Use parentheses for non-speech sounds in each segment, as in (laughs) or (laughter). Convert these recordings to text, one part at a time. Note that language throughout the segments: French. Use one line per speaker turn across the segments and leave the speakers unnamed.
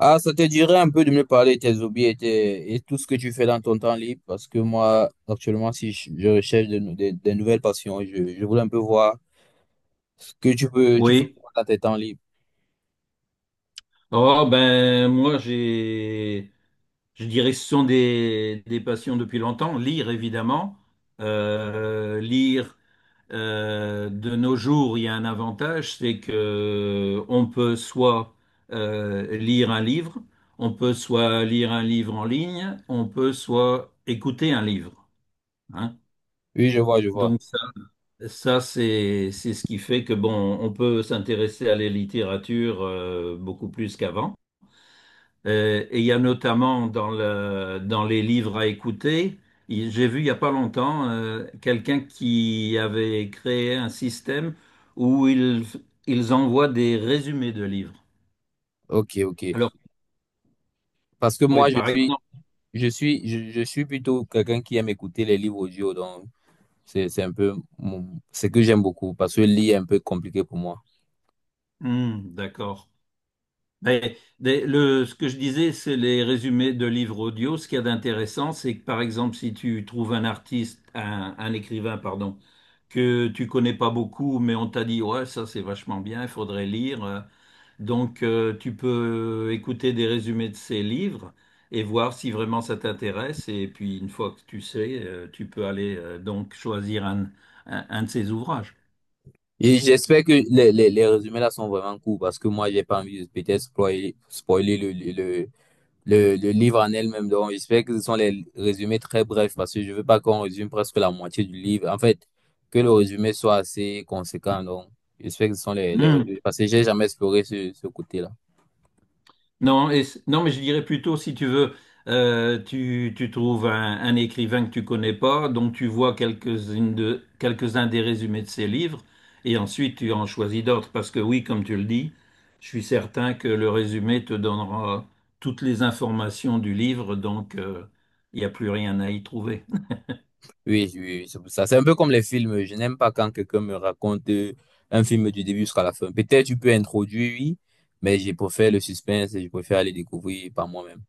Ah, ça te dirait un peu de me parler de tes hobbies et tout ce que tu fais dans ton temps libre, parce que moi, actuellement, si je, je recherche de, nou- des nouvelles passions, je voulais un peu voir ce que tu fais
Oui.
dans tes temps libres.
Oh ben moi j'ai je dirais ce sont des passions depuis longtemps. Lire évidemment. Lire , de nos jours, il y a un avantage, c'est que on peut soit lire un livre, on peut soit lire un livre en ligne, on peut soit écouter un livre. Hein.
Oui, je vois, je vois.
Donc ça c'est ce qui fait que bon, on peut s'intéresser à la littérature, beaucoup plus qu'avant. Et il y a notamment dans les livres à écouter, j'ai vu il n'y a pas longtemps quelqu'un qui avait créé un système où ils envoient des résumés de livres.
Ok, ok.
Alors,
Parce que
oui,
moi, je
par
suis,
exemple,
je suis, je suis plutôt quelqu'un qui aime écouter les livres audio, donc c'est un peu ce que j'aime beaucoup, parce que lire est un peu compliqué pour moi.
hmm, d'accord. Mais ce que je disais, c'est les résumés de livres audio. Ce qu'il y a d'intéressant, c'est que par exemple, si tu trouves un artiste, un écrivain, pardon, que tu connais pas beaucoup, mais on t'a dit, ouais, ça c'est vachement bien, il faudrait lire. Donc, tu peux écouter des résumés de ces livres et voir si vraiment ça t'intéresse. Et puis, une fois que tu sais, tu peux aller donc choisir un de ces ouvrages.
Et j'espère que les résumés là sont vraiment courts, parce que moi, j'ai pas envie de peut-être spoiler le livre en elle-même, donc j'espère que ce sont les résumés très brefs parce que je veux pas qu'on résume presque la moitié du livre. En fait, que le résumé soit assez conséquent, donc j'espère que ce sont les
Hmm.
résumés parce que j'ai jamais exploré ce côté-là.
Non, et non, mais je dirais plutôt, si tu veux, tu trouves un écrivain que tu connais pas, donc tu vois quelques-uns des résumés de ses livres, et ensuite tu en choisis d'autres, parce que oui, comme tu le dis, je suis certain que le résumé te donnera toutes les informations du livre, donc il n'y a plus rien à y trouver.
Oui, oui, oui, c'est pour ça. C'est un peu comme les films. Je n'aime pas quand quelqu'un me raconte un film du début jusqu'à la fin. Peut-être tu peux introduire, oui, mais je préfère le suspense et je préfère aller découvrir par moi-même.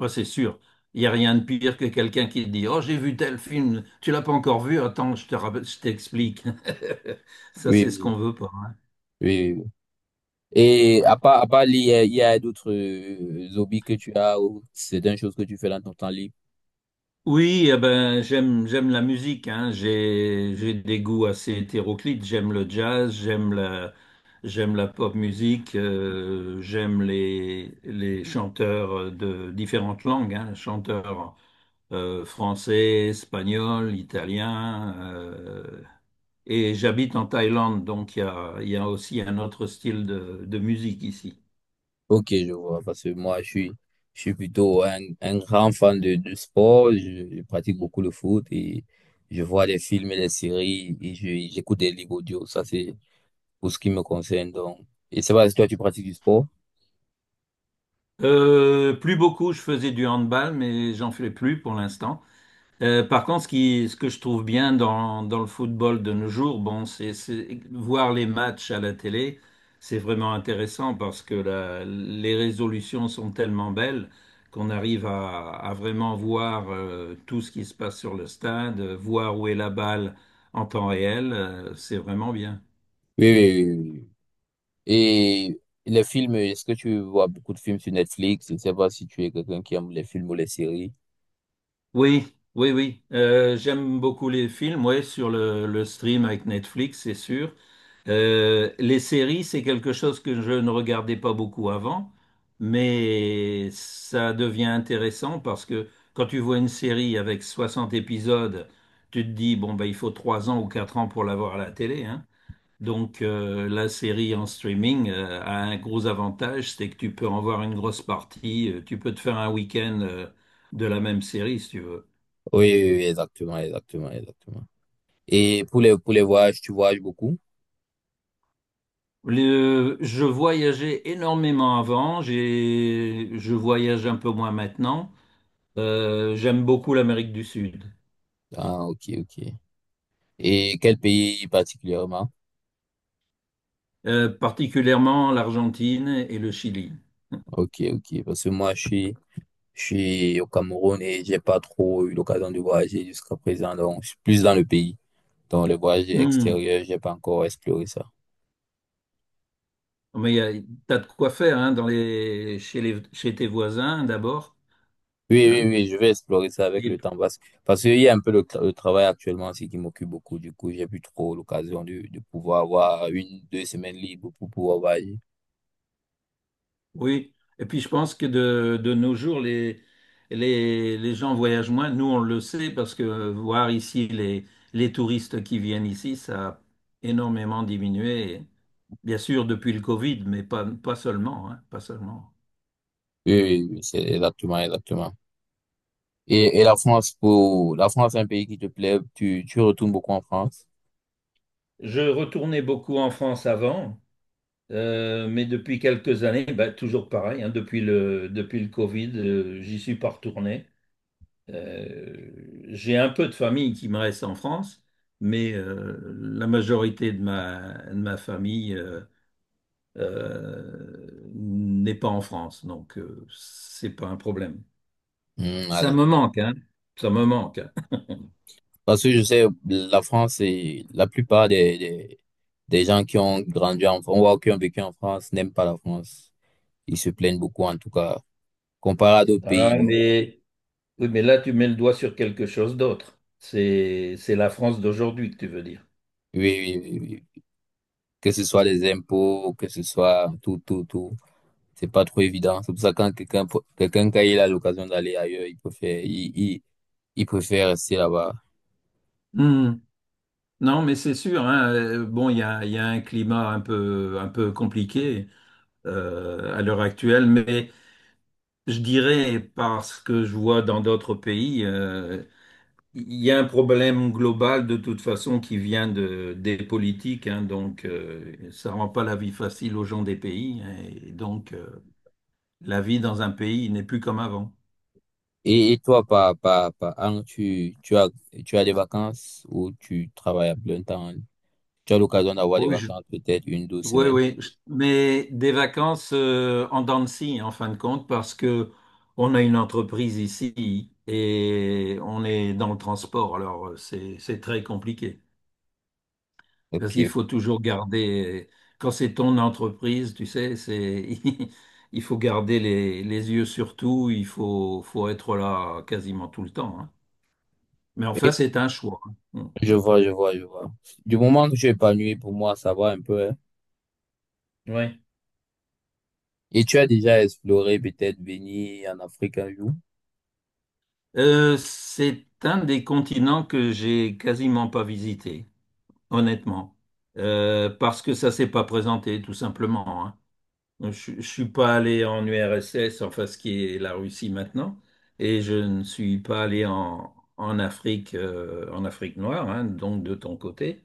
Ouais, c'est sûr. Il n'y a rien de pire que quelqu'un qui te dit, oh, j'ai vu tel film, tu l'as pas encore vu, attends, je t'explique. (laughs) Ça,
Oui,
c'est ce
oui,
qu'on veut pas. Hein.
oui, oui, oui. Et
Ouais.
à part lire, il y a d'autres hobbies que tu as ou c'est une chose que tu fais dans ton temps libre?
Oui, eh ben, j'aime la musique, hein. J'ai des goûts assez hétéroclites. J'aime le jazz, j'aime la pop musique, j'aime les chanteurs, de différentes langues, hein. Chanteurs, français, espagnol, italien. Et j'habite en Thaïlande, donc il y a aussi un autre style de musique ici.
Ok, je vois, parce que je suis plutôt un grand fan de sport. Je pratique beaucoup le foot et je vois des films et des séries et j'écoute des livres audio. Ça, c'est pour ce qui me concerne. Donc, et c'est pas si toi, tu pratiques du sport?
Plus beaucoup, je faisais du handball, mais j'en fais plus pour l'instant. Par contre, ce que je trouve bien dans le football de nos jours, bon, c'est voir les matchs à la télé, c'est vraiment intéressant parce que les résolutions sont tellement belles qu'on arrive à vraiment voir tout ce qui se passe sur le stade, voir où est la balle en temps réel, c'est vraiment bien.
Oui, oui, oui, oui, oui. Et les films, est-ce que tu vois beaucoup de films sur Netflix? Je ne sais pas si tu es quelqu'un qui aime les films ou les séries.
Oui, oui, oui. J'aime beaucoup les films, ouais, sur le stream avec Netflix, c'est sûr. Les séries, c'est quelque chose que je ne regardais pas beaucoup avant, mais ça devient intéressant parce que quand tu vois une série avec 60 épisodes, tu te dis, bon, ben, il faut 3 ans ou 4 ans pour l'avoir à la télé, hein. Donc, la série en streaming, a un gros avantage, c'est que tu peux en voir une grosse partie, tu peux te faire un week-end, de la même série si tu veux.
Oui, oui, oui, exactement, exactement, exactement. Et pour pour les voyages, tu voyages beaucoup?
Je voyageais énormément avant, je voyage un peu moins maintenant. J'aime beaucoup l'Amérique du Sud,
Ah, ok, ok. Et quel pays particulièrement?
Particulièrement l'Argentine et le Chili.
Ok, ok. Parce que je suis au Cameroun et j'ai pas trop eu l'occasion de voyager jusqu'à présent. Donc, je suis plus dans le pays. Donc, les voyages
Hmm.
extérieurs, j'ai pas encore exploré ça.
Mais t'as de quoi faire hein, dans les, chez tes voisins d'abord.
Oui, oui,
Hein.
oui, je vais explorer ça avec le
Et
temps parce qu'il y a un peu le travail actuellement aussi qui m'occupe beaucoup. Du coup, j'ai plus trop l'occasion de pouvoir avoir une, deux semaines libres pour pouvoir voyager.
oui. Et puis je pense que de nos jours, les gens voyagent moins. Nous, on le sait parce que voir ici les touristes qui viennent ici, ça a énormément diminué. Bien sûr, depuis le Covid, mais pas, pas seulement, hein, pas seulement.
Oui, oui, oui, c'est exactement, exactement. Et la France, la France est un pays qui te plaît. Tu retournes beaucoup en France?
Je retournais beaucoup en France avant, mais depuis quelques années, bah, toujours pareil, hein, depuis le Covid, j'y suis pas retourné. J'ai un peu de famille qui me reste en France, mais la majorité de ma famille n'est pas en France, donc c'est pas un problème.
Hmm, ah,
Ça
d'accord.
me manque, hein. Ça me manque.
Parce que je sais, la France, c'est la plupart des gens qui ont grandi en France, ou qui ont vécu en France, n'aiment pas la France. Ils se plaignent beaucoup, en tout cas, comparé à d'autres pays.
Ah,
Donc,
oui, mais là, tu mets le doigt sur quelque chose d'autre. C'est la France d'aujourd'hui que tu veux dire.
oui, oui, oui, oui, que ce soit les impôts, que ce soit tout, tout, tout. C'est pas trop évident. C'est pour ça que quelqu'un, quand il a l'occasion d'aller ailleurs, il préfère rester là-bas.
Hmm. Non, mais c'est sûr, hein, bon, il y a un climat un peu compliqué à l'heure actuelle, mais je dirais, parce que je vois dans d'autres pays, il y a un problème global de toute façon qui vient des politiques, hein, donc ça rend pas la vie facile aux gens des pays, hein, et donc la vie dans un pays n'est plus comme avant.
Et toi, par an, tu as des vacances ou tu travailles à plein temps? Tu as l'occasion d'avoir des vacances, peut-être une, deux
Oui,
semaines.
oui, mais des vacances en dents de scie, en fin de compte, parce que on a une entreprise ici et on est dans le transport, alors c'est très compliqué. Parce qu'il
Ok.
faut toujours garder, quand c'est ton entreprise, tu sais, c'est (laughs) il faut garder les yeux sur tout, il faut être là quasiment tout le temps. Hein. Mais enfin,
Et
c'est un choix. Hein.
je
Mm,
vois, je vois, je vois. Du moment que tu es épanoui, pour moi, ça va un peu, hein.
mm. Ouais.
Et tu as déjà exploré peut-être venir en Afrique un jour?
C'est un des continents que j'ai quasiment pas visité, honnêtement. Parce que ça s'est pas présenté, tout simplement. Hein. Je suis pas allé en URSS, enfin ce qui est la Russie maintenant, et je ne suis pas allé en Afrique, en Afrique noire, hein, donc de ton côté.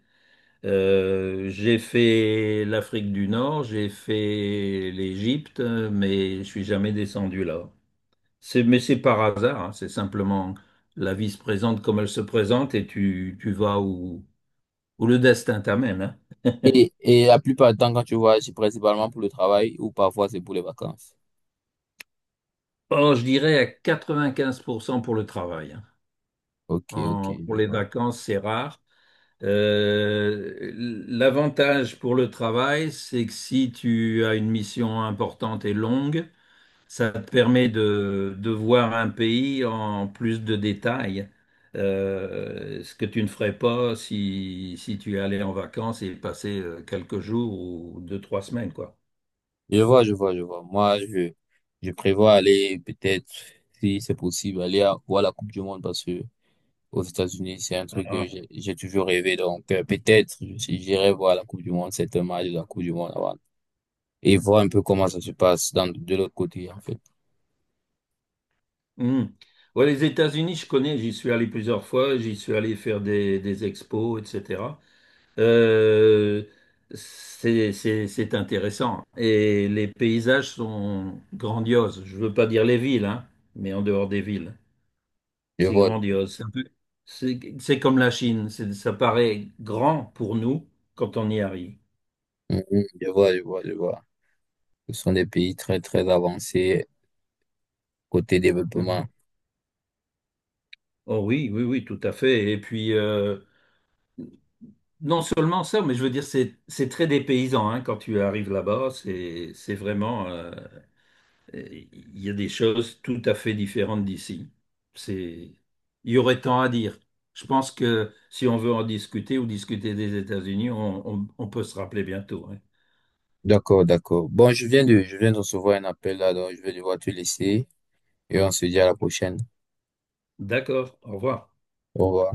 J'ai fait l'Afrique du Nord, j'ai fait l'Égypte, mais je suis jamais descendu là. Mais c'est par hasard, hein, c'est simplement la vie se présente comme elle se présente et tu vas où le destin t'amène. Hein.
Et la plupart du temps, quand tu voyages, c'est principalement pour le travail ou parfois c'est pour les vacances.
Oh, je dirais à 95% pour cent pour le travail. Hein.
Ok, ok,
En-
je
pour les
vois.
vacances, c'est rare. Euh, l'avantage pour le travail, c'est que si tu as une mission importante et longue, ça te permet de voir un pays en plus de détails. Ce que tu ne ferais pas si tu allais en vacances et passer quelques jours ou 2, 3 semaines, quoi.
Je vois, je vois, je vois. Je prévois aller peut-être, si c'est possible, voir la Coupe du Monde parce que aux États-Unis, c'est un truc que
Ah,
j'ai toujours rêvé. Donc, peut-être, j'irai voir la Coupe du Monde, c'est un match de la Coupe du Monde avant, et voir un peu comment ça se passe dans, de l'autre côté, en fait.
hmm. Ouais, les États-Unis, je connais, j'y suis allé plusieurs fois, j'y suis allé faire des expos, etc. Euh, c'est intéressant. Et les paysages sont grandioses. Je veux pas dire les villes, hein, mais en dehors des villes,
Je
c'est
vois, je vois.
grandiose. C'est comme la Chine, ça paraît grand pour nous quand on y arrive.
Mhm, je vois, je vois, je vois. Ce sont des pays très, très avancés côté
Mhm.
développement.
Oh oui, oui, oui, tout à fait. Et puis, non seulement ça, mais je veux dire, c'est très dépaysant hein, quand tu arrives là-bas. C'est vraiment, il y a des choses tout à fait différentes d'ici. C'est, il y aurait tant à dire. Je pense que si on veut en discuter ou discuter des États-Unis, on peut se rappeler bientôt. Hein.
D'accord, d'accord. Bon, je viens de recevoir un appel là, donc je vais devoir te laisser et on se dit à la prochaine.
D'accord, au revoir.
Au revoir.